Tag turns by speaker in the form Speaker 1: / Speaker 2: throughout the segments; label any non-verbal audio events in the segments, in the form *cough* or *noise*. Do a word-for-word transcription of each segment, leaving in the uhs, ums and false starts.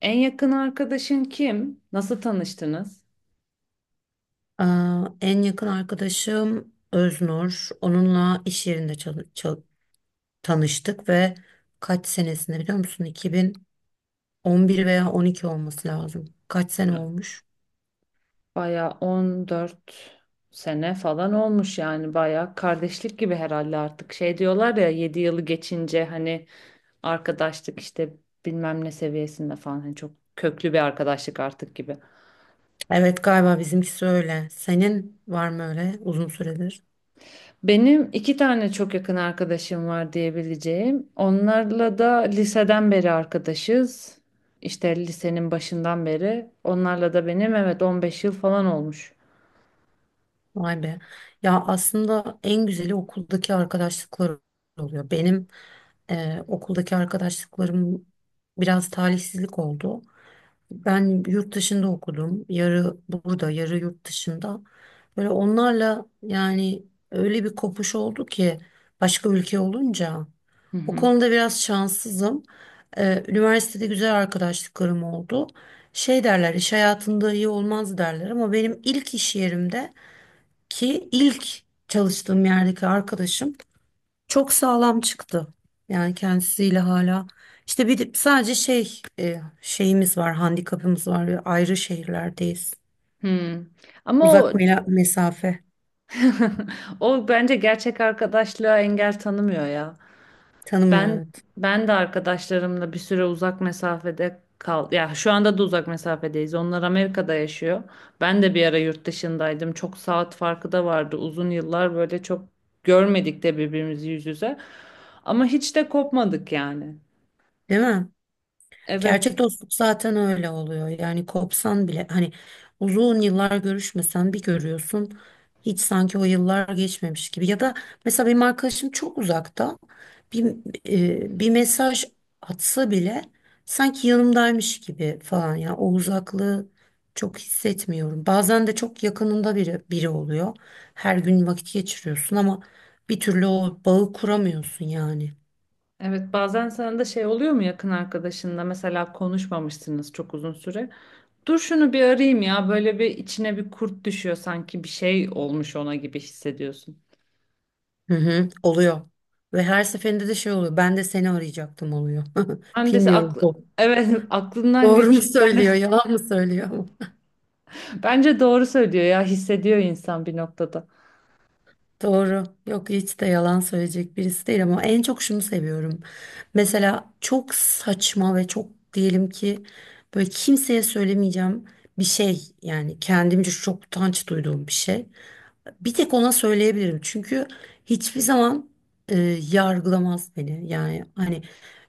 Speaker 1: En yakın arkadaşın kim? Nasıl tanıştınız?
Speaker 2: Aa, en yakın arkadaşım Öznur. Onunla iş yerinde çalı- çal- tanıştık ve kaç senesinde biliyor musun? iki bin on bir veya on iki olması lazım. Kaç sene
Speaker 1: Ya,
Speaker 2: olmuş?
Speaker 1: baya on dört sene falan olmuş yani baya kardeşlik gibi herhalde artık. Şey diyorlar ya yedi yılı geçince hani arkadaşlık işte bilmem ne seviyesinde falan hani çok köklü bir arkadaşlık artık gibi.
Speaker 2: Evet, galiba bizimkisi öyle. Senin var mı öyle uzun süredir?
Speaker 1: Benim iki tane çok yakın arkadaşım var diyebileceğim. Onlarla da liseden beri arkadaşız. İşte lisenin başından beri. Onlarla da benim evet on beş yıl falan olmuş.
Speaker 2: Vay be. Ya aslında en güzeli okuldaki arkadaşlıklar oluyor. Benim e, okuldaki arkadaşlıklarım biraz talihsizlik oldu. Ben yurt dışında okudum. Yarı burada, yarı yurt dışında. Böyle onlarla yani öyle bir kopuş oldu ki başka ülke olunca.
Speaker 1: Hı
Speaker 2: O
Speaker 1: hı.
Speaker 2: konuda biraz şanssızım. Ee, üniversitede güzel arkadaşlıklarım oldu. Şey derler, iş hayatında iyi olmaz derler, ama benim ilk iş yerimde ki ilk çalıştığım yerdeki arkadaşım çok sağlam çıktı. Yani kendisiyle hala. İşte bir de sadece şey e, şeyimiz var, handikapımız var. Ayrı şehirlerdeyiz.
Speaker 1: Hmm. Ama o
Speaker 2: Uzak mela- mesafe
Speaker 1: *laughs* o bence gerçek arkadaşlığa engel tanımıyor ya.
Speaker 2: tanımıyor,
Speaker 1: Ben
Speaker 2: evet.
Speaker 1: ben de arkadaşlarımla bir süre uzak mesafede kal. Ya şu anda da uzak mesafedeyiz. Onlar Amerika'da yaşıyor. Ben de bir ara yurt dışındaydım. Çok saat farkı da vardı. Uzun yıllar böyle çok görmedik de birbirimizi yüz yüze. Ama hiç de kopmadık yani.
Speaker 2: Değil mi?
Speaker 1: Evet.
Speaker 2: Gerçek dostluk zaten öyle oluyor. Yani kopsan bile hani uzun yıllar görüşmesen bir görüyorsun. Hiç sanki o yıllar geçmemiş gibi. Ya da mesela benim arkadaşım çok uzakta. Bir, e, Bir mesaj atsa bile sanki yanımdaymış gibi falan. Ya o uzaklığı çok hissetmiyorum. Bazen de çok yakınında biri, biri oluyor. Her gün vakit geçiriyorsun ama bir türlü o bağı kuramıyorsun yani.
Speaker 1: Evet, bazen sana da şey oluyor mu yakın arkadaşınla mesela konuşmamışsınız çok uzun süre. Dur şunu bir arayayım ya. Böyle bir içine bir kurt düşüyor sanki bir şey olmuş ona gibi hissediyorsun.
Speaker 2: Hı hı, oluyor. Ve her seferinde de şey oluyor. Ben de seni arayacaktım oluyor.
Speaker 1: Ben
Speaker 2: *laughs*
Speaker 1: de
Speaker 2: Bilmiyorum.
Speaker 1: aklı,
Speaker 2: Bu
Speaker 1: evet *laughs* aklından
Speaker 2: doğru mu
Speaker 1: geçiyor.
Speaker 2: söylüyor, yalan mı söylüyor? *laughs*
Speaker 1: Bence doğru söylüyor ya hissediyor insan bir noktada.
Speaker 2: Doğru. Yok, hiç de yalan söyleyecek birisi değil, ama en çok şunu seviyorum. Mesela çok saçma ve çok, diyelim ki böyle kimseye söylemeyeceğim bir şey, yani kendimce çok utanç duyduğum bir şey. Bir tek ona söyleyebilirim. Çünkü hiçbir zaman e, yargılamaz beni. Yani hani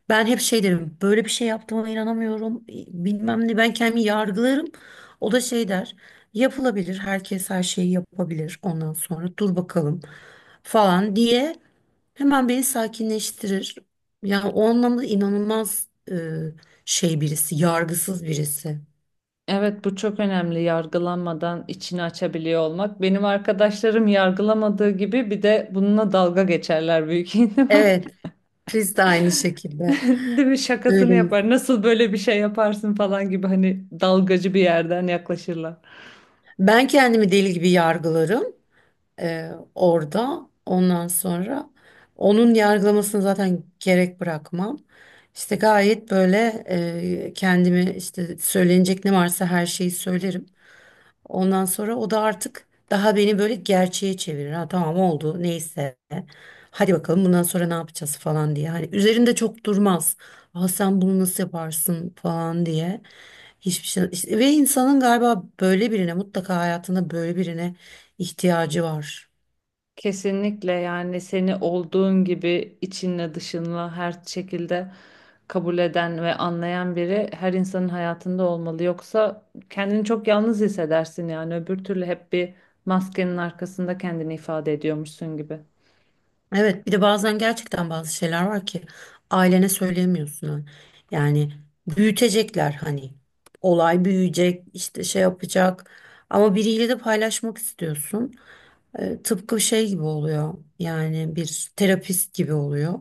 Speaker 2: ben hep şey derim. Böyle bir şey yaptığıma inanamıyorum. Bilmem ne, ben kendimi yargılarım. O da şey der. Yapılabilir. Herkes her şeyi yapabilir. Ondan sonra dur bakalım falan diye hemen beni sakinleştirir. Yani o anlamda inanılmaz e, şey birisi, yargısız birisi.
Speaker 1: Evet bu çok önemli yargılanmadan içini açabiliyor olmak. Benim arkadaşlarım yargılamadığı gibi bir de bununla dalga geçerler büyük ihtimal. *laughs*
Speaker 2: Evet, biz de aynı şekilde.
Speaker 1: Değil mi? Şakasını
Speaker 2: Öyle.
Speaker 1: yapar. Nasıl böyle bir şey yaparsın falan gibi hani dalgacı bir yerden yaklaşırlar.
Speaker 2: Ben kendimi deli gibi yargılarım e, orada. Ondan sonra onun yargılamasını zaten gerek bırakmam. İşte gayet böyle e, kendimi, işte söylenecek ne varsa her şeyi söylerim. Ondan sonra o da artık daha beni böyle gerçeğe çevirir. Ha, tamam, oldu, neyse. Hadi bakalım, bundan sonra ne yapacağız falan diye. Hani üzerinde çok durmaz. Aa, sen bunu nasıl yaparsın falan diye. Hiçbir şey. işte- Ve insanın galiba böyle birine, mutlaka hayatında böyle birine ihtiyacı var.
Speaker 1: Kesinlikle yani seni olduğun gibi içinle dışınla her şekilde kabul eden ve anlayan biri her insanın hayatında olmalı. Yoksa kendini çok yalnız hissedersin yani öbür türlü hep bir maskenin arkasında kendini ifade ediyormuşsun gibi.
Speaker 2: Evet, bir de bazen gerçekten bazı şeyler var ki ailene söyleyemiyorsun. Ha. Yani büyütecekler, hani olay büyüyecek, işte şey yapacak, ama biriyle de paylaşmak istiyorsun. E, tıpkı şey gibi oluyor, yani bir terapist gibi oluyor.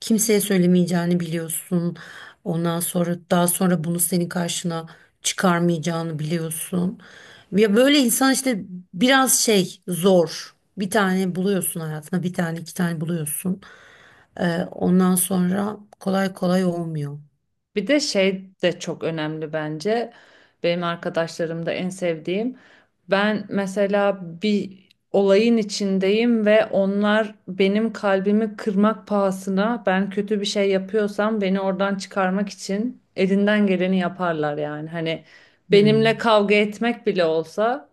Speaker 2: Kimseye söylemeyeceğini biliyorsun. Ondan sonra daha sonra bunu senin karşına çıkarmayacağını biliyorsun. Ya böyle insan, işte biraz şey zor. Bir tane buluyorsun hayatına, bir tane, iki tane buluyorsun. E, ondan sonra kolay kolay olmuyor.
Speaker 1: Bir de şey de çok önemli bence. Benim arkadaşlarımda en sevdiğim. Ben mesela bir olayın içindeyim ve onlar benim kalbimi kırmak pahasına ben kötü bir şey yapıyorsam beni oradan çıkarmak için elinden geleni yaparlar yani. Hani benimle
Speaker 2: Hmm.
Speaker 1: kavga etmek bile olsa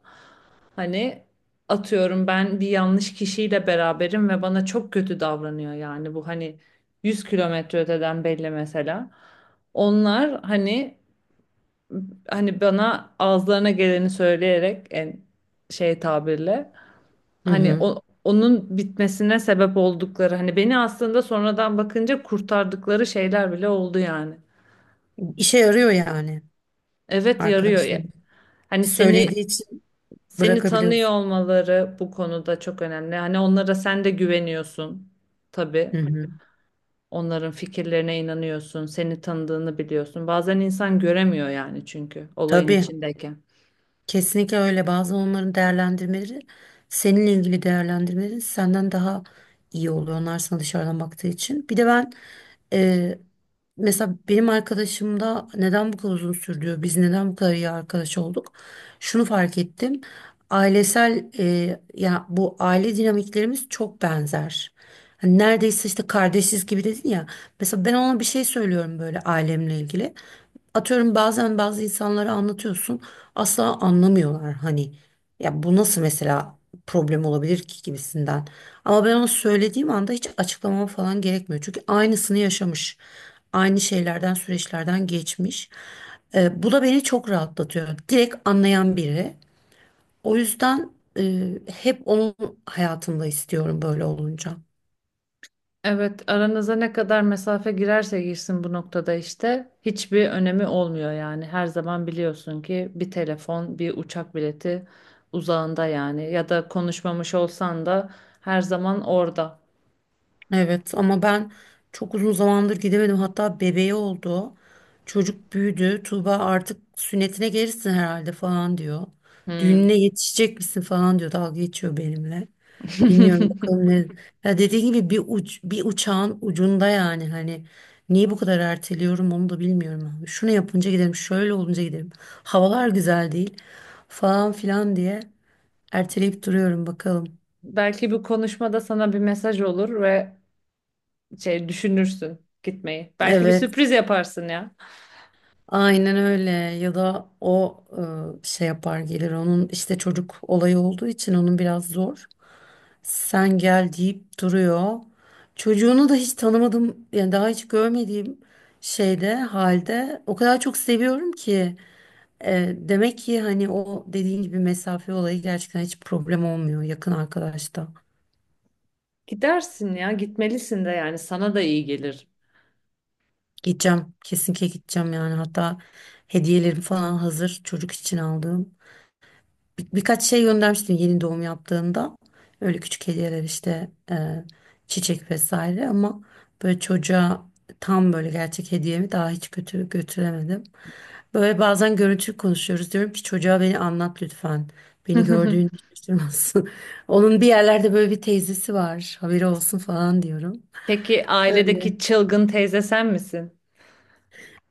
Speaker 1: hani atıyorum ben bir yanlış kişiyle beraberim ve bana çok kötü davranıyor yani bu hani yüz kilometre öteden belli mesela. Onlar hani hani bana ağızlarına geleni söyleyerek en şey tabirle
Speaker 2: Hı
Speaker 1: hani
Speaker 2: hı.
Speaker 1: o- onun bitmesine sebep oldukları hani beni aslında sonradan bakınca kurtardıkları şeyler bile oldu yani.
Speaker 2: İşe yarıyor yani
Speaker 1: Evet yarıyor ya.
Speaker 2: arkadaşlarım.
Speaker 1: Hani seni
Speaker 2: Söylediği için
Speaker 1: seni tanıyor
Speaker 2: bırakabiliyorsun.
Speaker 1: olmaları bu konuda çok önemli. Hani onlara sen de güveniyorsun
Speaker 2: Hı
Speaker 1: tabii.
Speaker 2: hı.
Speaker 1: Onların fikirlerine inanıyorsun, seni tanıdığını biliyorsun. Bazen insan göremiyor yani çünkü olayın
Speaker 2: Tabii.
Speaker 1: içindeyken.
Speaker 2: Kesinlikle öyle. Bazen onların değerlendirmeleri, seninle ilgili değerlendirmeleri senden daha iyi oluyor. Onlar sana dışarıdan baktığı için. Bir de ben e, mesela benim arkadaşımda neden bu kadar uzun sürdü? Biz neden bu kadar iyi arkadaş olduk? Şunu fark ettim. Ailesel e, ya bu aile dinamiklerimiz çok benzer. Hani neredeyse işte kardeşiz gibi dedin ya. Mesela ben ona bir şey söylüyorum böyle ailemle ilgili. Atıyorum, bazen bazı insanlara anlatıyorsun, asla anlamıyorlar hani, ya bu nasıl mesela problem olabilir ki gibisinden. Ama ben ona söylediğim anda hiç açıklamam falan gerekmiyor. Çünkü aynısını yaşamış. Aynı şeylerden, süreçlerden geçmiş. Ee, bu da beni çok rahatlatıyor. Direkt anlayan biri. O yüzden e, hep onun hayatımda istiyorum böyle olunca.
Speaker 1: Evet, aranıza ne kadar mesafe girerse girsin bu noktada işte hiçbir önemi olmuyor yani. Her zaman biliyorsun ki bir telefon, bir uçak bileti uzağında yani ya da konuşmamış olsan da her zaman orada.
Speaker 2: Evet, ama ben çok uzun zamandır gidemedim. Hatta bebeği oldu. Çocuk büyüdü. Tuğba artık sünnetine gelirsin herhalde falan diyor.
Speaker 1: Hmm.
Speaker 2: Düğününe yetişecek misin falan diyor. Dalga geçiyor benimle. Bilmiyorum
Speaker 1: *laughs*
Speaker 2: bakalım ne. Ya dediğim gibi bir uç, bir uçağın ucunda, yani hani niye bu kadar erteliyorum onu da bilmiyorum abi. Şunu yapınca giderim, şöyle olunca giderim. Havalar güzel değil falan filan diye erteleyip duruyorum bakalım.
Speaker 1: Belki bu konuşmada sana bir mesaj olur ve şey düşünürsün gitmeyi. Belki bir
Speaker 2: Evet.
Speaker 1: sürpriz yaparsın ya.
Speaker 2: Aynen öyle, ya da o e, şey yapar gelir, onun işte çocuk olayı olduğu için onun biraz zor. Sen gel deyip duruyor. Çocuğunu da hiç tanımadım yani, daha hiç görmediğim şeyde halde o kadar çok seviyorum ki. E, demek ki hani o dediğin gibi mesafe olayı gerçekten hiç problem olmuyor yakın arkadaşta.
Speaker 1: Gidersin ya, gitmelisin de yani sana da iyi gelir.
Speaker 2: Gideceğim, kesinlikle gideceğim yani, hatta hediyelerim falan hazır, çocuk için aldığım. Bir- birkaç şey göndermiştim yeni doğum yaptığında. Öyle küçük hediyeler işte, e, çiçek vesaire, ama böyle çocuğa tam böyle gerçek hediyemi daha hiç götür götüremedim. Böyle bazen görüntülü konuşuyoruz, diyorum ki çocuğa beni anlat lütfen. Beni gördüğünü
Speaker 1: *laughs*
Speaker 2: hiç şaşırmasın. *laughs* Onun bir yerlerde böyle bir teyzesi var. Haberi olsun falan diyorum.
Speaker 1: Peki ailedeki çılgın teyze sen misin?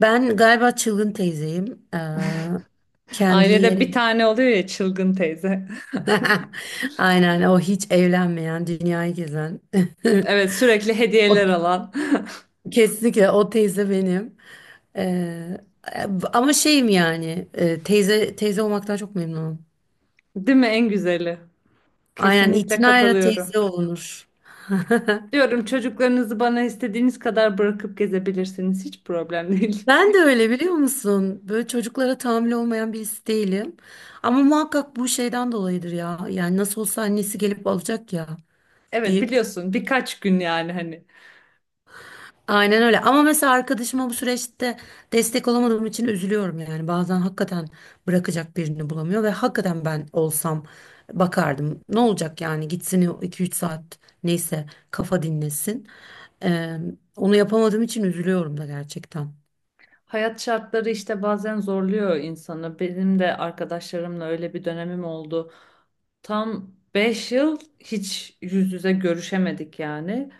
Speaker 2: Ben galiba çılgın teyzeyim. E, kendi
Speaker 1: Ailede bir
Speaker 2: yerim.
Speaker 1: tane oluyor ya çılgın teyze. *laughs*
Speaker 2: *laughs* Aynen, o hiç evlenmeyen, dünyayı gezen. *laughs*
Speaker 1: Evet sürekli
Speaker 2: O,
Speaker 1: hediyeler alan.
Speaker 2: kesinlikle o teyze benim. Ee, Ama şeyim yani, e, teyze teyze olmaktan çok memnunum.
Speaker 1: Değil mi en güzeli?
Speaker 2: Aynen,
Speaker 1: Kesinlikle
Speaker 2: itinayla
Speaker 1: katılıyorum.
Speaker 2: teyze olunur. *laughs*
Speaker 1: Diyorum çocuklarınızı bana istediğiniz kadar bırakıp gezebilirsiniz. Hiç problem değil. *laughs*
Speaker 2: Ben de öyle, biliyor musun? Böyle çocuklara tahammülü olmayan birisi değilim. Ama muhakkak bu şeyden dolayıdır ya. Yani nasıl olsa annesi gelip alacak ya
Speaker 1: Evet
Speaker 2: deyip.
Speaker 1: biliyorsun birkaç gün yani hani.
Speaker 2: Aynen öyle. Ama mesela arkadaşıma bu süreçte destek olamadığım için üzülüyorum yani. Bazen hakikaten bırakacak birini bulamıyor ve hakikaten ben olsam bakardım. Ne olacak yani, gitsin o iki üç saat, neyse, kafa dinlesin. Ee, Onu yapamadığım için üzülüyorum da gerçekten.
Speaker 1: Hayat şartları işte bazen zorluyor insanı. Benim de arkadaşlarımla öyle bir dönemim oldu. Tam beş yıl hiç yüz yüze görüşemedik yani.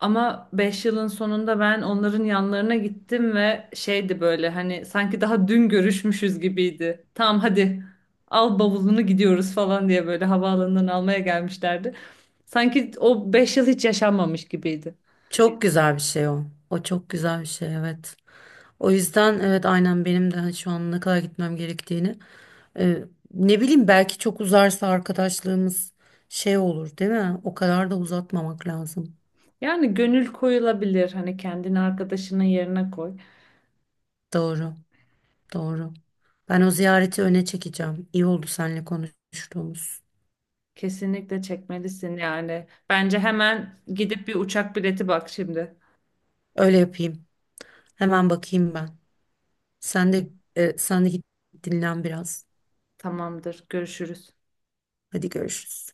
Speaker 1: Ama beş yılın sonunda ben onların yanlarına gittim ve şeydi böyle hani sanki daha dün görüşmüşüz gibiydi. Tamam hadi al bavulunu gidiyoruz falan diye böyle havaalanından almaya gelmişlerdi. Sanki o beş yıl hiç yaşanmamış gibiydi.
Speaker 2: Çok güzel bir şey o. O çok güzel bir şey, evet. O yüzden evet, aynen benim de şu an ne kadar gitmem gerektiğini. Ee, Ne bileyim, belki çok uzarsa arkadaşlığımız şey olur değil mi? O kadar da uzatmamak lazım.
Speaker 1: Yani gönül koyulabilir hani kendini arkadaşının yerine koy.
Speaker 2: Doğru, doğru. Ben o ziyareti öne çekeceğim. İyi oldu seninle konuştuğumuz.
Speaker 1: Kesinlikle çekmelisin yani. Bence hemen gidip bir uçak bileti bak şimdi.
Speaker 2: Öyle yapayım. Hemen bakayım ben. Sen de e, sen de git dinlen biraz.
Speaker 1: Tamamdır. Görüşürüz.
Speaker 2: Hadi görüşürüz.